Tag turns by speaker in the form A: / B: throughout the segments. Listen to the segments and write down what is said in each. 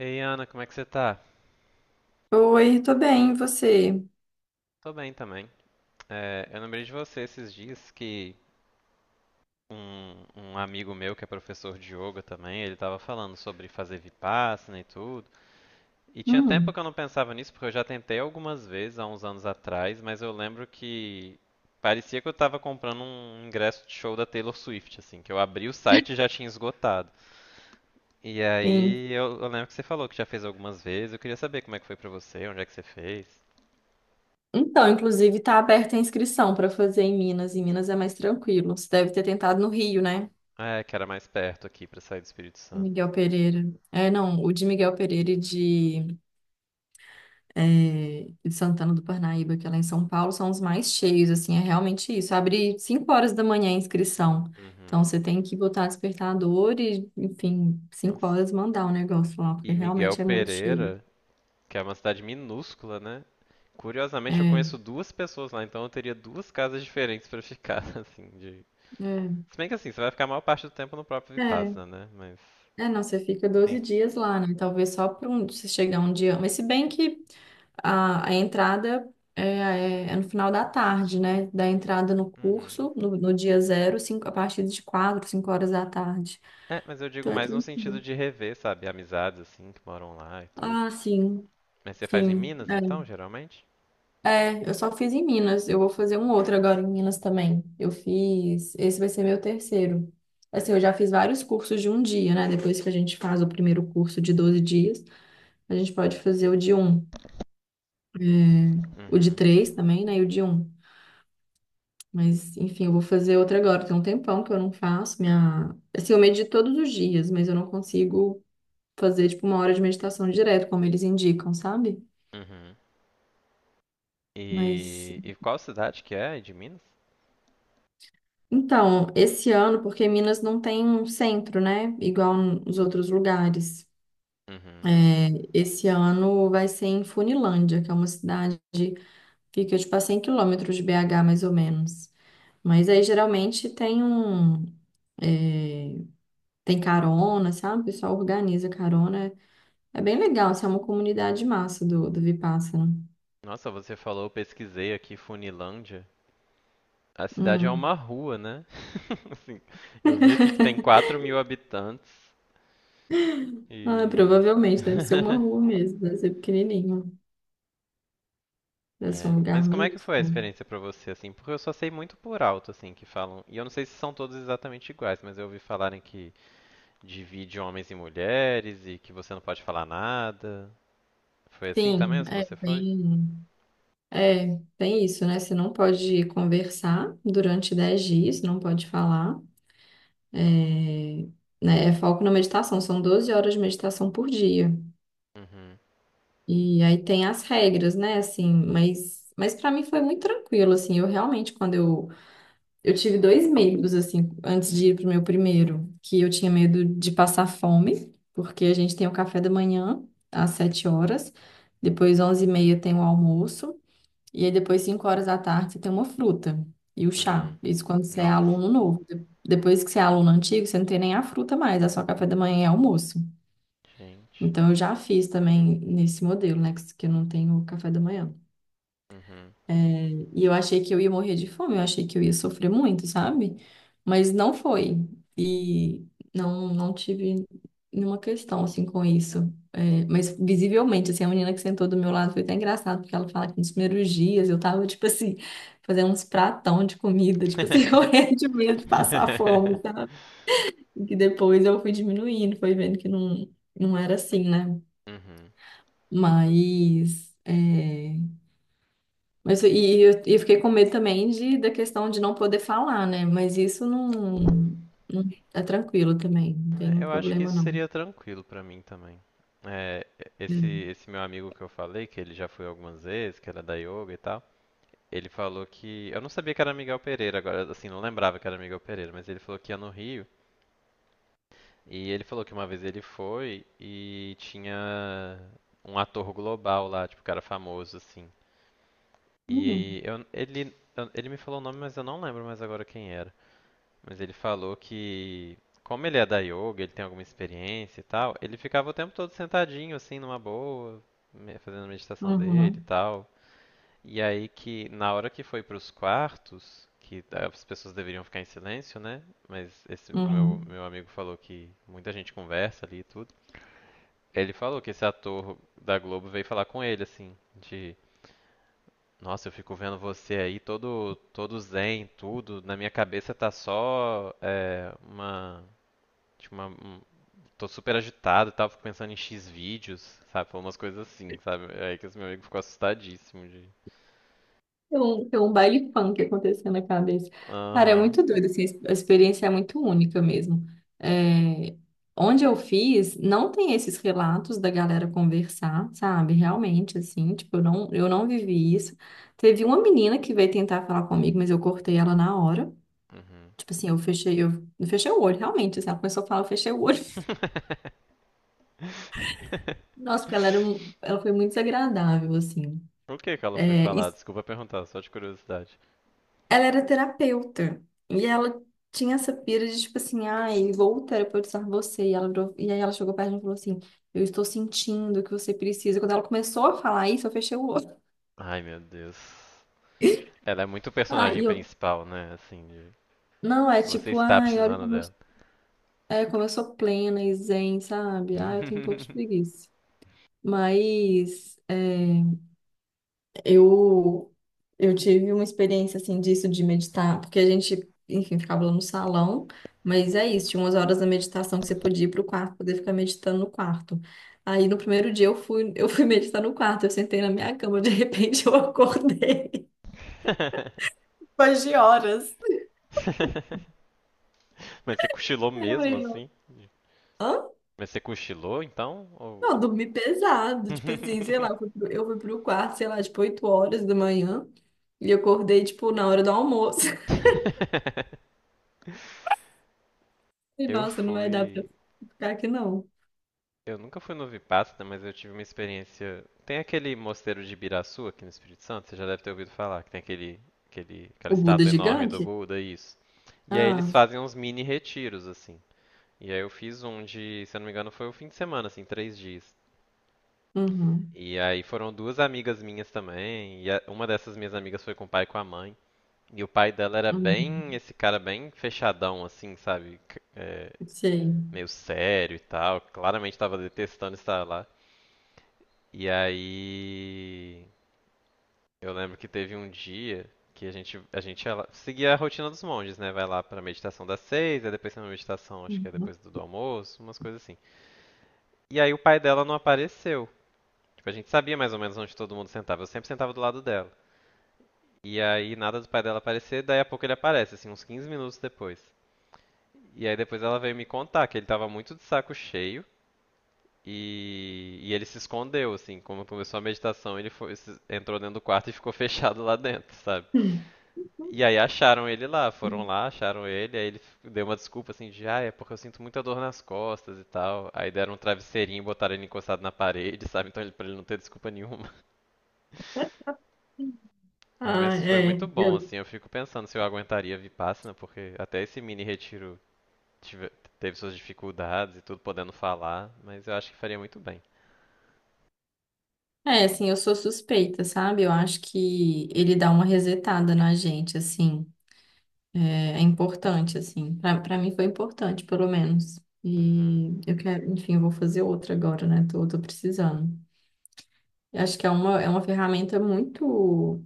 A: Ei, Ana, como é que você tá?
B: Oi, tô bem, e você?
A: Tô bem também. É, eu lembrei de você esses dias que um amigo meu que é professor de yoga também, ele tava falando sobre fazer vipassana e tudo. E tinha tempo
B: Hum,
A: que eu não pensava nisso, porque eu já tentei algumas vezes há uns anos atrás, mas eu lembro que parecia que eu tava comprando um ingresso de show da Taylor Swift, assim, que eu abri o site e já tinha esgotado. E
B: sim.
A: aí eu lembro que você falou que já fez algumas vezes. Eu queria saber como é que foi pra você, onde é que você fez.
B: Então, inclusive, tá aberta a inscrição para fazer em Minas. Em Minas é mais tranquilo. Você deve ter tentado no Rio, né?
A: É, que era mais perto aqui pra sair do Espírito Santo.
B: Miguel Pereira. É, não, o de Miguel Pereira e de Santana do Parnaíba, que é lá em São Paulo, são os mais cheios, assim, é realmente isso. Abre 5 horas da manhã a inscrição.
A: Uhum.
B: Então, você tem que botar despertador e, enfim, cinco
A: Nossa.
B: horas mandar o negócio lá, porque
A: E Miguel
B: realmente é muito cheio.
A: Pereira, que é uma cidade minúscula, né? Curiosamente, eu
B: É,
A: conheço duas pessoas lá, então eu teria duas casas diferentes pra ficar, assim, de... Se bem que assim, você vai ficar a maior parte do tempo no próprio
B: é.
A: Vipassana, né? Mas,
B: É, não, você fica doze
A: sim.
B: dias lá, né? Talvez só para um, você chegar um dia. Mas se bem que a entrada é no final da tarde, né? Da entrada no
A: Uhum.
B: curso, no dia zero, cinco, a partir de 4 5 horas da tarde.
A: É, mas eu digo
B: Então é
A: mais no sentido
B: tranquilo.
A: de rever, sabe? Amizades, assim, que moram lá e tudo.
B: Ah, sim,
A: Mas você faz em
B: sim.
A: Minas, então,
B: É.
A: geralmente?
B: É, eu só fiz em Minas. Eu vou fazer um outro agora em Minas também. Eu fiz. Esse vai ser meu terceiro. Assim, eu já fiz vários cursos de um dia, né? Depois que a gente faz o primeiro curso de 12 dias, a gente pode fazer o de um. É, o de
A: Uhum.
B: três também, né? E o de um. Mas, enfim, eu vou fazer outra agora. Tem um tempão que eu não faço. Minha... Assim, eu medito todos os dias, mas eu não consigo fazer, tipo, uma hora de meditação direto, como eles indicam, sabe?
A: Uhum.
B: Mas,
A: E qual cidade que é de Minas?
B: então, esse ano, porque Minas não tem um centro, né? Igual nos outros lugares.
A: Uhum.
B: É, esse ano vai ser em Funilândia, que é uma cidade que fica, tipo, a 100 quilômetros de BH, mais ou menos. Mas aí, geralmente, tem um... é, tem carona, sabe? O pessoal organiza carona. É bem legal, assim, é uma comunidade massa do Vipassana.
A: Nossa, você falou, eu pesquisei aqui Funilândia. A cidade é
B: Hum.
A: uma rua, né? Assim, eu vi aqui que tem 4.000 habitantes
B: Ah,
A: e.
B: provavelmente deve ser uma rua mesmo, deve ser pequenininho, deve ser um
A: É,
B: lugar
A: mas como é que foi a
B: minúsculo.
A: experiência pra você, assim? Porque eu só sei muito por alto, assim, que falam. E eu não sei se são todos exatamente iguais, mas eu ouvi falarem que divide homens e mulheres e que você não pode falar nada. Foi assim também
B: Sim,
A: as que
B: é,
A: você foi?
B: bem, é, tem isso, né? Você não pode conversar durante 10 dias, não pode falar, é, né? É foco na meditação, são 12 horas de meditação por dia.
A: Uhum,
B: E aí tem as regras, né? Assim, mas para mim foi muito tranquilo, assim, eu realmente, quando eu tive dois medos, assim, antes de ir pro meu primeiro, que eu tinha medo de passar fome, porque a gente tem o café da manhã às 7 horas, depois 11h30 tem o almoço, e aí depois 5 horas da tarde você tem uma fruta e o chá.
A: uhum.
B: Isso quando você é
A: Nossa,
B: aluno novo. Depois que você é aluno antigo, você não tem nem a fruta mais, é só café da manhã e almoço.
A: gente.
B: Então eu já fiz também nesse modelo, né, que eu não tenho café da manhã.
A: Uhum.
B: E eu achei que eu ia morrer de fome, eu achei que eu ia sofrer muito, sabe? Mas não foi. E não tive nenhuma questão, assim, com isso. É, mas visivelmente, assim, a menina que sentou do meu lado foi até engraçado, porque ela fala que nos primeiros dias eu tava, tipo assim, fazendo uns pratão de comida, tipo assim, morrendo de medo de passar fome, sabe? E que depois eu fui diminuindo, foi vendo que não, não era assim, né?
A: Uhum.
B: Mas... é, mas e eu fiquei com medo também de, da questão de não poder falar, né? Mas isso não, não- é tranquilo também, não tem
A: É,
B: um
A: eu acho que
B: problema
A: isso
B: não.
A: seria tranquilo pra mim também. É, esse,
B: É.
A: esse meu amigo que eu falei, que ele já foi algumas vezes, que era da yoga e tal, ele falou que. Eu não sabia que era Miguel Pereira, agora, assim, não lembrava que era Miguel Pereira, mas ele falou que ia no Rio. E ele falou que uma vez ele foi e tinha um ator global lá, tipo, cara famoso, assim.
B: Uhum,
A: E ele me falou o nome, mas eu não lembro mais agora quem era. Mas ele falou que, como ele é da yoga, ele tem alguma experiência e tal, ele ficava o tempo todo sentadinho, assim, numa boa, fazendo a meditação dele e
B: uhum,
A: tal. E aí que, na hora que foi pros quartos, que as pessoas deveriam ficar em silêncio, né? Mas esse meu,
B: uhum.
A: meu amigo falou que muita gente conversa ali e tudo. Ele falou que esse ator da Globo veio falar com ele, assim, de... Nossa, eu fico vendo você aí todo todo zen, tudo. Na minha cabeça tá só é, uma Tipo, uma, um- tô super agitado e tal, fico pensando em X vídeos, sabe? Falou umas coisas assim, sabe? É aí que esse meu amigo ficou assustadíssimo de.
B: Tem um baile funk acontecendo na cabeça. Cara, é
A: Aham.
B: muito doido, assim, a experiência é muito única mesmo. É, onde eu fiz, não tem esses relatos da galera conversar, sabe? Realmente, assim, tipo, eu não vivi isso. Teve uma menina que veio tentar falar comigo, mas eu cortei ela na hora.
A: Uhum.
B: Tipo assim, eu fechei o olho, realmente. Assim, ela começou a falar, eu fechei o olho. Nossa, porque ela foi muito desagradável, assim.
A: Por que que ela foi
B: É, e
A: falar? Desculpa perguntar, só de curiosidade.
B: ela era terapeuta. E ela tinha essa pira de, tipo assim, ai, vou terapeutizar você. E aí ela chegou perto de mim e falou assim, eu estou sentindo que você precisa. Quando ela começou a falar isso, eu fechei o olho.
A: Ai, meu Deus. Ela é muito
B: Ah,
A: personagem
B: e eu,
A: principal, né? Assim, de...
B: não, é
A: você
B: tipo,
A: está
B: ai, olha
A: precisando
B: como eu,
A: dela.
B: é, como eu sou plena e zen, sabe? Ah, eu tenho um pouco de preguiça. Mas, é. Eu, eu tive uma experiência assim disso de meditar, porque a gente, enfim, ficava lá no salão, mas é isso, tinha umas horas da meditação que você podia ir pro quarto, poder ficar meditando no quarto. Aí no primeiro dia eu fui meditar no quarto, eu sentei na minha cama, de repente eu acordei depois de horas.
A: Você cochilou
B: Aí eu
A: mesmo,
B: falei, não,
A: assim? Mas você cochilou, então? Ou...
B: eu dormi pesado, tipo assim, sei lá, eu fui pro, eu fui pro quarto, sei lá, tipo 8 horas da manhã, e eu acordei, tipo, na hora do almoço. Falei,
A: Eu
B: nossa, não vai dar pra
A: fui.
B: ficar aqui não.
A: Eu nunca fui no Vipassana, mas eu tive uma experiência. Tem aquele mosteiro de Ibiraçu aqui no Espírito Santo, você já deve ter ouvido falar, que tem aquela
B: O Buda é
A: estátua enorme do
B: gigante?
A: Buda, isso. E aí eles
B: Ah,
A: fazem uns mini retiros, assim. E aí eu fiz um de, se eu não me engano, foi o fim de semana, assim, 3 dias.
B: uhum,
A: E aí foram duas amigas minhas também, e uma dessas minhas amigas foi com o pai e com a mãe. E o pai dela era
B: uhum,
A: bem, esse cara bem fechadão, assim, sabe? É,
B: sei.
A: meio sério e tal. Claramente tava detestando estar lá. E aí. Eu lembro que teve um dia que a gente seguia a rotina dos monges, né? Vai lá pra meditação das 6h, aí depois tem uma meditação, acho que é
B: Uhum.
A: depois do almoço, umas coisas assim. E aí o pai dela não apareceu. Tipo, a gente sabia mais ou menos onde todo mundo sentava. Eu sempre sentava do lado dela. E aí nada do pai dela aparecer, daí a pouco ele aparece, assim, uns 15 minutos depois. E aí depois ela veio me contar que ele tava muito de saco cheio e ele se escondeu, assim, como começou a meditação, ele foi, entrou dentro do quarto e ficou fechado lá dentro, sabe? E aí acharam ele lá, foram
B: Hum.
A: lá, acharam ele, aí ele deu uma desculpa assim de, ah, é porque eu sinto muita dor nas costas e tal. Aí deram um travesseirinho e botaram ele encostado na parede, sabe? Então ele, pra ele não ter desculpa nenhuma. Ai,
B: Ah,
A: mas foi
B: é.
A: muito bom,
B: Eu,
A: assim, eu fico pensando se eu aguentaria Vipassana, porque até esse mini retiro tive- teve suas dificuldades e tudo, podendo falar, mas eu acho que faria muito bem.
B: é, assim, eu sou suspeita, sabe? Eu acho que ele dá uma resetada na gente, assim. É, é importante, assim. Pra mim foi importante, pelo menos.
A: Uhum,
B: E eu quero, enfim, eu vou fazer outra agora, né? Tô precisando. Eu acho que é uma ferramenta muito.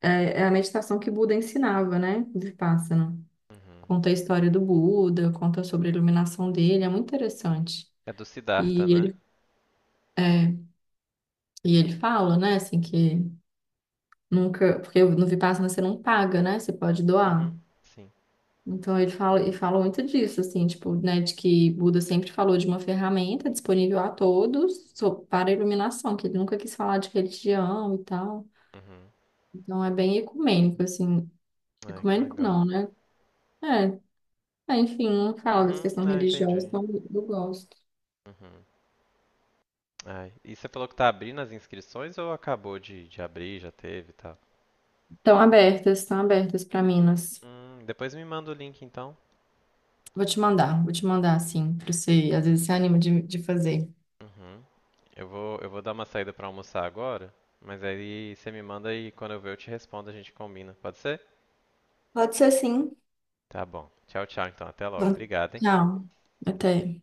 B: É, é a meditação que Buda ensinava, né? De pássaro.
A: uhum.
B: Conta a história do Buda, conta sobre a iluminação dele, é muito interessante.
A: É do Siddhartha,
B: E
A: né?
B: ele, é, e ele fala, né, assim, que nunca, porque no Vipassana você não paga, né, você pode doar.
A: Uhum, sim.
B: Então ele fala muito disso, assim, tipo, né, de que Buda sempre falou de uma ferramenta disponível a todos para a iluminação, que ele nunca quis falar de religião e tal.
A: Uhum.
B: Então é bem ecumênico, assim,
A: Ai, que
B: ecumênico
A: legal.
B: não, né? É, é, enfim, não fala dessa
A: Uhum.
B: questão
A: Ah,
B: religiosa,
A: entendi.
B: então eu gosto.
A: Uhum. Ai, e você falou que tá abrindo as inscrições ou acabou de abrir, já teve e tal?
B: Estão abertas para Minas.
A: Depois me manda o link então.
B: Vou te mandar assim, para você, às vezes você anima de fazer.
A: Uhum. Eu vou dar uma saída pra almoçar agora, mas aí você me manda e quando eu ver eu te respondo, a gente combina, pode ser?
B: Pode ser sim.
A: Tá bom. Tchau, tchau, então até logo.
B: Então,
A: Obrigado, hein?
B: tchau. Até.